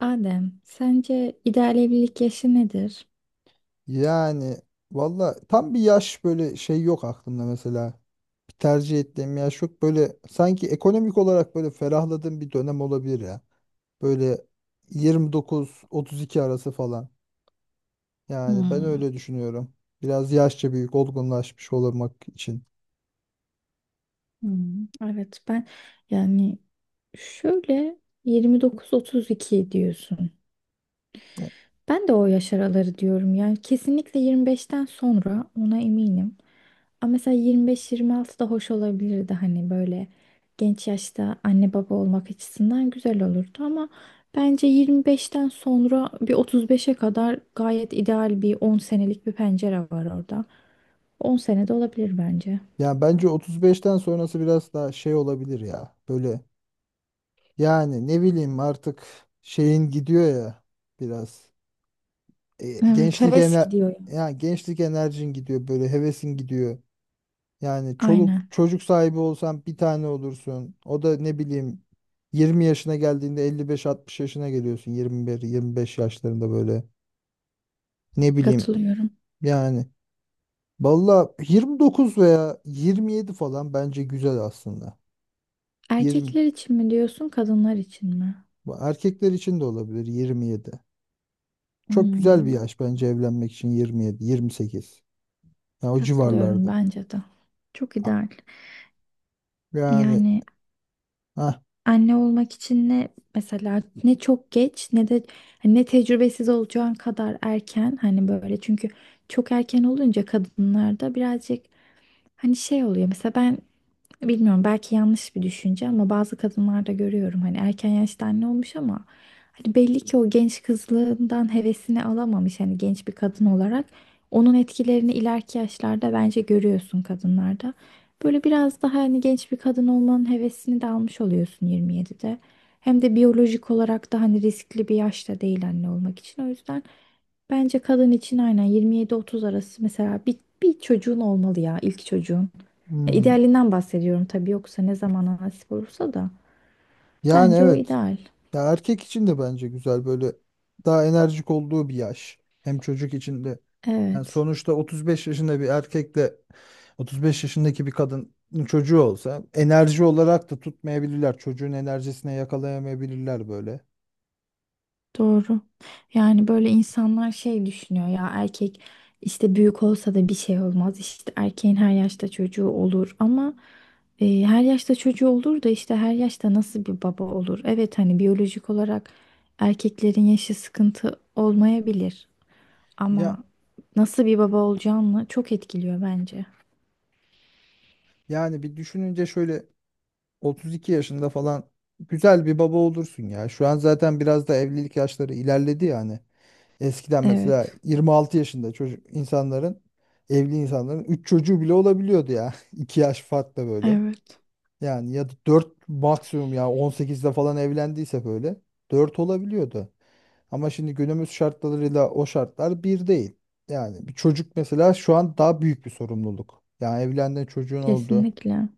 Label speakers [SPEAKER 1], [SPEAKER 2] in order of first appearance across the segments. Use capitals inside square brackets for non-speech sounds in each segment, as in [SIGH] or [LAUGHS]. [SPEAKER 1] Adem, sence ideal evlilik yaşı nedir?
[SPEAKER 2] Yani valla tam bir yaş böyle şey yok aklımda mesela. Bir tercih ettiğim yaş yok. Böyle sanki ekonomik olarak böyle ferahladığım bir dönem olabilir ya. Böyle 29-32 arası falan. Yani ben
[SPEAKER 1] Hmm.
[SPEAKER 2] öyle düşünüyorum. Biraz yaşça büyük olgunlaşmış olmak için.
[SPEAKER 1] Hmm, evet ben yani şöyle 29-32 diyorsun. Ben de o yaş araları diyorum yani kesinlikle 25'ten sonra ona eminim. Ama mesela 25-26 da hoş olabilirdi hani böyle genç yaşta anne baba olmak açısından güzel olurdu ama bence 25'ten sonra bir 35'e kadar gayet ideal bir 10 senelik bir pencere var orada. 10 sene de olabilir bence.
[SPEAKER 2] Yani bence 35'ten sonrası biraz daha şey olabilir ya. Böyle yani ne bileyim artık şeyin gidiyor ya biraz. E,
[SPEAKER 1] Evet,
[SPEAKER 2] gençlik
[SPEAKER 1] heves
[SPEAKER 2] ener
[SPEAKER 1] gidiyor ya.
[SPEAKER 2] yani gençlik enerjin gidiyor böyle hevesin gidiyor. Yani çoluk
[SPEAKER 1] Aynen,
[SPEAKER 2] çocuk sahibi olsan bir tane olursun. O da ne bileyim 20 yaşına geldiğinde 55-60 yaşına geliyorsun. 21-25 yaşlarında böyle. Ne bileyim
[SPEAKER 1] katılıyorum.
[SPEAKER 2] yani. Valla 29 veya 27 falan bence güzel aslında. 20
[SPEAKER 1] Erkekler için mi diyorsun, kadınlar için mi?
[SPEAKER 2] bu erkekler için de olabilir 27. Çok güzel bir
[SPEAKER 1] Hmm.
[SPEAKER 2] yaş bence evlenmek için 27, 28. Yani o
[SPEAKER 1] Katılıyorum
[SPEAKER 2] civarlarda.
[SPEAKER 1] bence de. Çok ideal.
[SPEAKER 2] Yani
[SPEAKER 1] Yani
[SPEAKER 2] ah
[SPEAKER 1] anne olmak için ne mesela ne çok geç ne de hani ne tecrübesiz olacağın kadar erken hani böyle çünkü çok erken olunca kadınlarda birazcık hani şey oluyor. Mesela ben bilmiyorum, belki yanlış bir düşünce, ama bazı kadınlarda görüyorum hani erken yaşta anne olmuş ama hani belli ki o genç kızlığından hevesini alamamış hani genç bir kadın olarak onun etkilerini ileriki yaşlarda bence görüyorsun kadınlarda. Böyle biraz daha hani genç bir kadın olmanın hevesini de almış oluyorsun 27'de. Hem de biyolojik olarak da hani riskli bir yaşta değil anne olmak için. O yüzden bence kadın için aynen 27-30 arası mesela bir çocuğun olmalı ya ilk çocuğun. Ya idealinden bahsediyorum tabii yoksa ne zamana nasip olursa da.
[SPEAKER 2] Yani
[SPEAKER 1] Bence o
[SPEAKER 2] evet.
[SPEAKER 1] ideal.
[SPEAKER 2] Ya erkek için de bence güzel böyle daha enerjik olduğu bir yaş. Hem çocuk için de. Yani
[SPEAKER 1] Evet,
[SPEAKER 2] sonuçta 35 yaşında bir erkekle 35 yaşındaki bir kadının çocuğu olsa enerji olarak da tutmayabilirler. Çocuğun enerjisine yakalayamayabilirler böyle.
[SPEAKER 1] doğru. Yani böyle insanlar şey düşünüyor ya erkek işte büyük olsa da bir şey olmaz. İşte erkeğin her yaşta çocuğu olur ama her yaşta çocuğu olur da işte her yaşta nasıl bir baba olur? Evet hani biyolojik olarak erkeklerin yaşı sıkıntı olmayabilir
[SPEAKER 2] Ya
[SPEAKER 1] ama nasıl bir baba olacağını çok etkiliyor bence.
[SPEAKER 2] yani bir düşününce şöyle 32 yaşında falan güzel bir baba olursun ya. Şu an zaten biraz da evlilik yaşları ilerledi yani. Eskiden mesela
[SPEAKER 1] Evet,
[SPEAKER 2] 26 yaşında çocuk insanların evli insanların 3 çocuğu bile olabiliyordu ya. [LAUGHS] 2 yaş farkla böyle.
[SPEAKER 1] evet.
[SPEAKER 2] Yani ya da 4 maksimum ya 18'de falan evlendiyse böyle 4 olabiliyordu. Ama şimdi günümüz şartlarıyla o şartlar bir değil. Yani bir çocuk mesela şu an daha büyük bir sorumluluk. Yani evlendin çocuğun oldu.
[SPEAKER 1] Kesinlikle.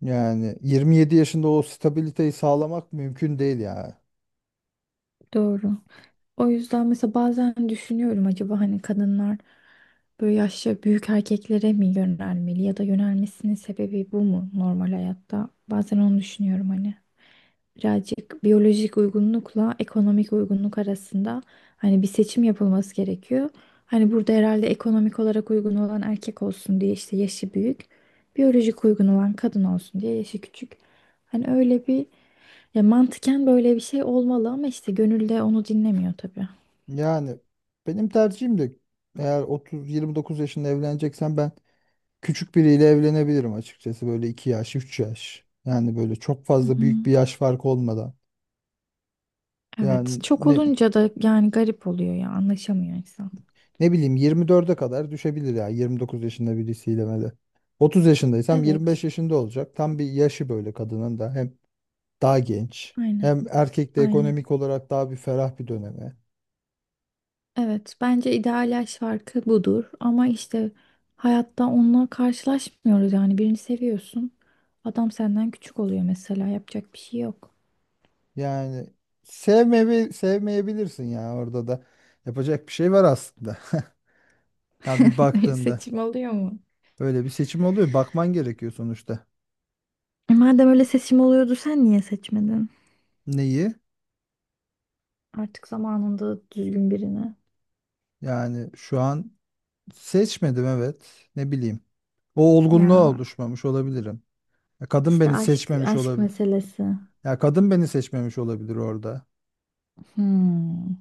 [SPEAKER 2] Yani 27 yaşında o stabiliteyi sağlamak mümkün değil yani.
[SPEAKER 1] Doğru. O yüzden mesela bazen düşünüyorum acaba hani kadınlar böyle yaşça büyük erkeklere mi yönelmeli ya da yönelmesinin sebebi bu mu normal hayatta? Bazen onu düşünüyorum hani. Birazcık biyolojik uygunlukla ekonomik uygunluk arasında hani bir seçim yapılması gerekiyor. Hani burada herhalde ekonomik olarak uygun olan erkek olsun diye işte yaşı büyük, biyolojik uygun olan kadın olsun diye yaşı küçük. Hani öyle bir ya mantıken böyle bir şey olmalı ama işte gönülde onu dinlemiyor tabii.
[SPEAKER 2] Yani benim tercihim de eğer 30 29 yaşında evleneceksen ben küçük biriyle evlenebilirim açıkçası böyle 2 yaş 3 yaş. Yani böyle çok
[SPEAKER 1] Hı
[SPEAKER 2] fazla
[SPEAKER 1] hı.
[SPEAKER 2] büyük bir yaş farkı olmadan.
[SPEAKER 1] Evet.
[SPEAKER 2] Yani
[SPEAKER 1] Çok
[SPEAKER 2] ne
[SPEAKER 1] olunca da yani garip oluyor ya anlaşamıyor insan.
[SPEAKER 2] ne bileyim 24'e kadar düşebilir ya 29 yaşında birisiyle böyle. 30 yaşındaysam 25
[SPEAKER 1] Evet.
[SPEAKER 2] yaşında olacak. Tam bir yaşı böyle kadının da. Hem daha genç.
[SPEAKER 1] Aynen.
[SPEAKER 2] Hem erkek de
[SPEAKER 1] Aynen.
[SPEAKER 2] ekonomik olarak daha bir ferah bir döneme.
[SPEAKER 1] Evet. Bence ideal yaş farkı budur ama işte hayatta onunla karşılaşmıyoruz yani birini seviyorsun. Adam senden küçük oluyor mesela yapacak bir şey yok.
[SPEAKER 2] Yani sevmeyebilirsin ya orada da. Yapacak bir şey var aslında. [LAUGHS] Ya bir
[SPEAKER 1] [LAUGHS]
[SPEAKER 2] baktığında
[SPEAKER 1] Seçim oluyor mu?
[SPEAKER 2] böyle bir seçim oluyor. Bakman gerekiyor sonuçta.
[SPEAKER 1] E madem öyle seçim oluyordu sen niye seçmedin?
[SPEAKER 2] Neyi?
[SPEAKER 1] Artık zamanında düzgün birini.
[SPEAKER 2] Yani şu an seçmedim evet. Ne bileyim. O olgunluğa
[SPEAKER 1] Ya.
[SPEAKER 2] oluşmamış olabilirim. Ya kadın
[SPEAKER 1] İşte
[SPEAKER 2] beni
[SPEAKER 1] aşk
[SPEAKER 2] seçmemiş
[SPEAKER 1] aşk
[SPEAKER 2] olabilir.
[SPEAKER 1] meselesi.
[SPEAKER 2] Ya kadın beni seçmemiş olabilir orada.
[SPEAKER 1] Hmm,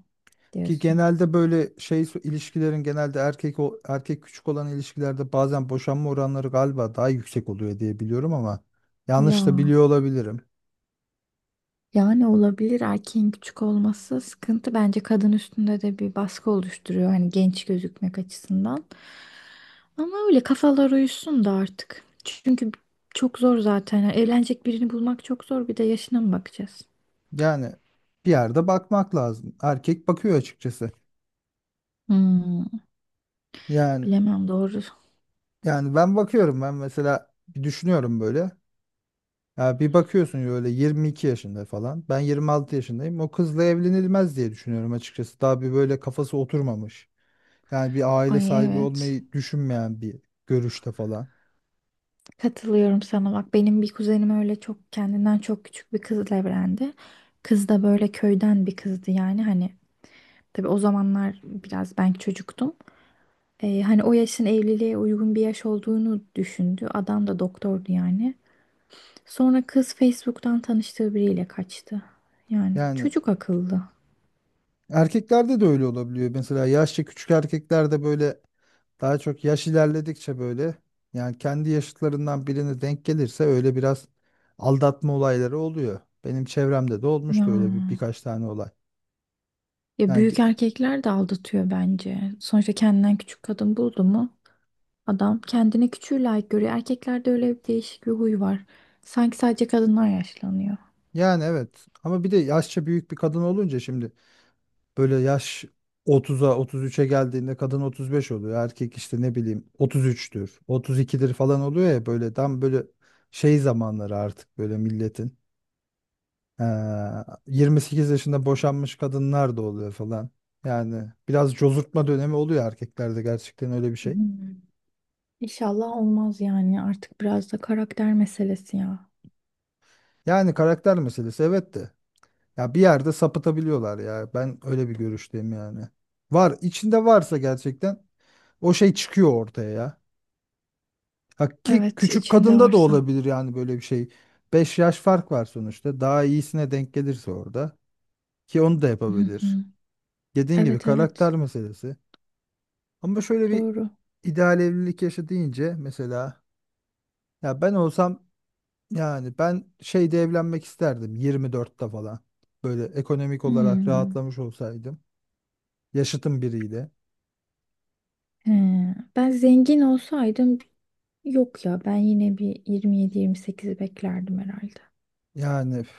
[SPEAKER 2] Ki
[SPEAKER 1] diyorsun.
[SPEAKER 2] genelde böyle ilişkilerin genelde erkek küçük olan ilişkilerde bazen boşanma oranları galiba daha yüksek oluyor diye biliyorum ama
[SPEAKER 1] Ya
[SPEAKER 2] yanlış da biliyor olabilirim.
[SPEAKER 1] yani olabilir erkeğin küçük olması sıkıntı bence kadın üstünde de bir baskı oluşturuyor hani genç gözükmek açısından. Ama öyle kafalar uyuşsun da artık. Çünkü çok zor zaten. Yani evlenecek birini bulmak çok zor. Bir de yaşına mı bakacağız?
[SPEAKER 2] Yani bir yerde bakmak lazım. Erkek bakıyor açıkçası.
[SPEAKER 1] Hmm,
[SPEAKER 2] Yani
[SPEAKER 1] bilemem doğru.
[SPEAKER 2] yani ben bakıyorum ben mesela bir düşünüyorum böyle. Ya bir bakıyorsun böyle 22 yaşında falan. Ben 26 yaşındayım. O kızla evlenilmez diye düşünüyorum açıkçası. Daha bir böyle kafası oturmamış. Yani bir aile
[SPEAKER 1] Ay
[SPEAKER 2] sahibi
[SPEAKER 1] evet.
[SPEAKER 2] olmayı düşünmeyen bir görüşte falan.
[SPEAKER 1] Katılıyorum sana bak benim bir kuzenim öyle çok kendinden çok küçük bir kızla evlendi. Kız da böyle köyden bir kızdı yani hani tabii o zamanlar biraz ben çocuktum. Hani o yaşın evliliğe uygun bir yaş olduğunu düşündü. Adam da doktordu yani. Sonra kız Facebook'tan tanıştığı biriyle kaçtı. Yani
[SPEAKER 2] Yani
[SPEAKER 1] çocuk akıllı.
[SPEAKER 2] erkeklerde de öyle olabiliyor. Mesela yaşça küçük erkeklerde böyle daha çok yaş ilerledikçe böyle yani kendi yaşıtlarından birine denk gelirse öyle biraz aldatma olayları oluyor. Benim çevremde de
[SPEAKER 1] Ya,
[SPEAKER 2] olmuştu öyle birkaç tane olay.
[SPEAKER 1] ya
[SPEAKER 2] Yani
[SPEAKER 1] büyük erkekler de aldatıyor bence. Sonuçta kendinden küçük kadın buldu mu? Adam kendini küçüğü layık görüyor. Erkeklerde öyle bir değişik bir huy var. Sanki sadece kadınlar yaşlanıyor.
[SPEAKER 2] Yani evet ama bir de yaşça büyük bir kadın olunca şimdi böyle yaş 30'a 33'e geldiğinde kadın 35 oluyor. Erkek işte ne bileyim 33'tür 32'dir falan oluyor ya böyle tam böyle şey zamanları artık böyle milletin. Ee, 28 yaşında boşanmış kadınlar da oluyor falan. Yani biraz cozurtma dönemi oluyor erkeklerde gerçekten öyle bir şey.
[SPEAKER 1] Hmm. İnşallah olmaz yani. Artık biraz da karakter meselesi ya.
[SPEAKER 2] Yani karakter meselesi evet de ya bir yerde sapıtabiliyorlar ya ben öyle bir görüşteyim yani. Var içinde varsa gerçekten o şey çıkıyor ortaya ya. Ha, ki
[SPEAKER 1] Evet,
[SPEAKER 2] küçük
[SPEAKER 1] içinde
[SPEAKER 2] kadında da
[SPEAKER 1] varsa.
[SPEAKER 2] olabilir yani böyle bir şey. 5 yaş fark var sonuçta. Daha iyisine denk gelirse orada. Ki onu da
[SPEAKER 1] Hı hı.
[SPEAKER 2] yapabilir. Dediğin gibi
[SPEAKER 1] Evet, evet.
[SPEAKER 2] karakter meselesi. Ama şöyle bir
[SPEAKER 1] Doğru.
[SPEAKER 2] ideal evlilik yaşı deyince mesela ya ben olsam yani ben şeyde evlenmek isterdim 24'te falan. Böyle ekonomik olarak
[SPEAKER 1] Hmm.
[SPEAKER 2] rahatlamış olsaydım. Yaşıtım biriyle.
[SPEAKER 1] He. Ben zengin olsaydım yok ya. Ben yine bir 27-28'i beklerdim herhalde.
[SPEAKER 2] Yani üf,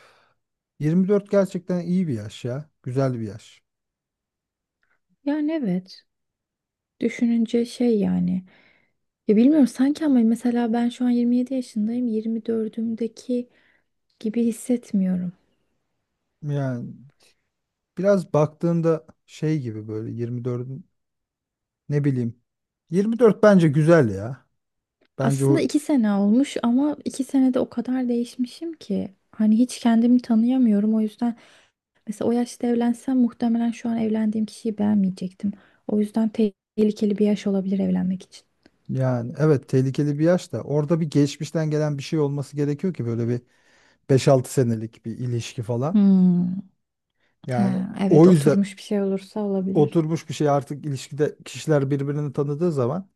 [SPEAKER 2] 24 gerçekten iyi bir yaş ya. Güzel bir yaş.
[SPEAKER 1] Yani evet. Düşününce şey yani. Ya bilmiyorum sanki ama mesela ben şu an 27 yaşındayım. 24'ümdeki gibi hissetmiyorum.
[SPEAKER 2] Yani biraz baktığında şey gibi böyle 24'ün ne bileyim 24 bence güzel ya. Bence
[SPEAKER 1] Aslında
[SPEAKER 2] o
[SPEAKER 1] 2 sene olmuş ama 2 senede o kadar değişmişim ki. Hani hiç kendimi tanıyamıyorum. O yüzden mesela o yaşta evlensem muhtemelen şu an evlendiğim kişiyi beğenmeyecektim. O yüzden tehlikeli bir yaş olabilir evlenmek için.
[SPEAKER 2] yani evet tehlikeli bir yaş da orada bir geçmişten gelen bir şey olması gerekiyor ki böyle bir beş altı senelik bir ilişki falan.
[SPEAKER 1] Hmm.
[SPEAKER 2] Yani
[SPEAKER 1] Ha,
[SPEAKER 2] o
[SPEAKER 1] evet
[SPEAKER 2] yüzden
[SPEAKER 1] oturmuş bir şey olursa olabilir.
[SPEAKER 2] oturmuş bir şey artık ilişkide kişiler birbirini tanıdığı zaman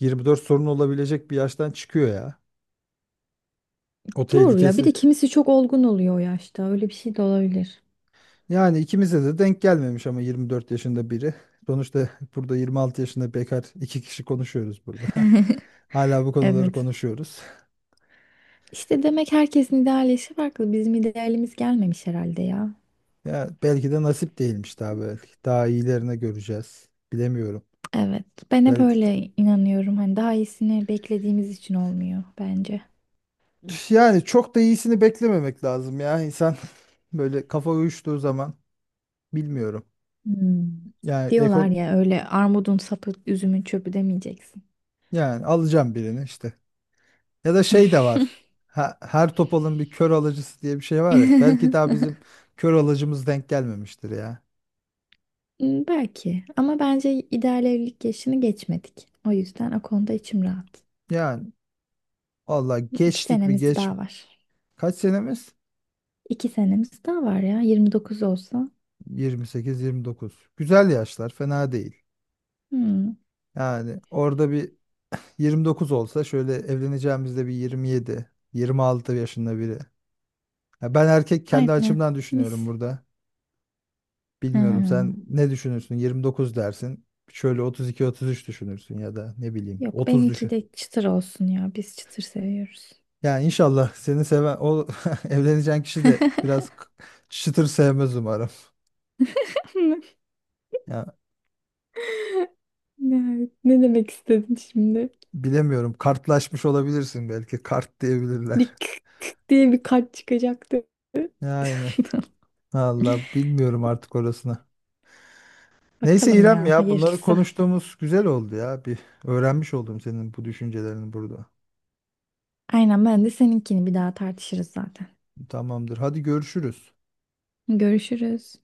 [SPEAKER 2] 24 sorun olabilecek bir yaştan çıkıyor ya. O
[SPEAKER 1] Doğru ya. Bir de
[SPEAKER 2] tehlikesi.
[SPEAKER 1] kimisi çok olgun oluyor o yaşta. Öyle bir şey de olabilir.
[SPEAKER 2] Yani ikimize de denk gelmemiş ama 24 yaşında biri. Sonuçta [LAUGHS] burada 26 yaşında bekar iki kişi konuşuyoruz burada. [LAUGHS] Hala bu konuları
[SPEAKER 1] Evet.
[SPEAKER 2] konuşuyoruz. [LAUGHS]
[SPEAKER 1] İşte demek herkesin ideal yaşı farklı. Bizim idealimiz gelmemiş herhalde ya.
[SPEAKER 2] Ya belki de nasip değilmiş daha belki. Daha iyilerini göreceğiz. Bilemiyorum.
[SPEAKER 1] Evet. Ben hep
[SPEAKER 2] Belki...
[SPEAKER 1] öyle inanıyorum. Hani daha iyisini beklediğimiz için olmuyor bence.
[SPEAKER 2] Üf, yani çok da iyisini beklememek lazım ya. İnsan [LAUGHS] böyle kafa uyuştuğu zaman bilmiyorum.
[SPEAKER 1] Hmm.
[SPEAKER 2] Yani
[SPEAKER 1] Diyorlar
[SPEAKER 2] ekon
[SPEAKER 1] ya öyle armudun sapı üzümün çöpü demeyeceksin.
[SPEAKER 2] yani alacağım birini işte. Ya da şey de var. Her topalın bir kör alıcısı diye bir şey var ya. Belki daha
[SPEAKER 1] [LAUGHS]
[SPEAKER 2] bizim kör alıcımız denk gelmemiştir ya.
[SPEAKER 1] Hmm, belki ama bence ideal evlilik yaşını geçmedik. O yüzden o konuda içim rahat.
[SPEAKER 2] Yani valla
[SPEAKER 1] İki
[SPEAKER 2] geçtik mi
[SPEAKER 1] senemiz
[SPEAKER 2] geç.
[SPEAKER 1] daha var.
[SPEAKER 2] Kaç senemiz?
[SPEAKER 1] 2 senemiz daha var ya. 29 olsa.
[SPEAKER 2] 28 29. Güzel yaşlar, fena değil.
[SPEAKER 1] Hmm,
[SPEAKER 2] Yani orada bir 29 olsa şöyle evleneceğimizde bir 27, 26 yaşında biri. Ya ben erkek kendi
[SPEAKER 1] aynen.
[SPEAKER 2] açımdan
[SPEAKER 1] Mis.
[SPEAKER 2] düşünüyorum burada.
[SPEAKER 1] Ha,
[SPEAKER 2] Bilmiyorum sen ne düşünürsün? 29 dersin. Şöyle 32-33 düşünürsün ya da ne bileyim
[SPEAKER 1] yok
[SPEAKER 2] 30
[SPEAKER 1] benimki
[SPEAKER 2] düşün.
[SPEAKER 1] de çıtır olsun ya. Biz çıtır seviyoruz.
[SPEAKER 2] Yani inşallah seni seven o [LAUGHS] evleneceğin kişi de biraz çıtır sevmez umarım.
[SPEAKER 1] [LAUGHS]
[SPEAKER 2] Ya
[SPEAKER 1] Ne demek istedin şimdi?
[SPEAKER 2] bilemiyorum kartlaşmış olabilirsin belki kart diyebilirler.
[SPEAKER 1] Bir kık kık diye bir kalp çıkacaktı.
[SPEAKER 2] Yani
[SPEAKER 1] [LAUGHS]
[SPEAKER 2] valla bilmiyorum artık orasını. Neyse
[SPEAKER 1] Bakalım
[SPEAKER 2] İrem
[SPEAKER 1] ya
[SPEAKER 2] ya bunları
[SPEAKER 1] hayırlısı.
[SPEAKER 2] konuştuğumuz güzel oldu ya. Bir öğrenmiş oldum senin bu düşüncelerini burada.
[SPEAKER 1] Aynen ben de seninkini bir daha tartışırız zaten.
[SPEAKER 2] Tamamdır. Hadi görüşürüz.
[SPEAKER 1] Görüşürüz.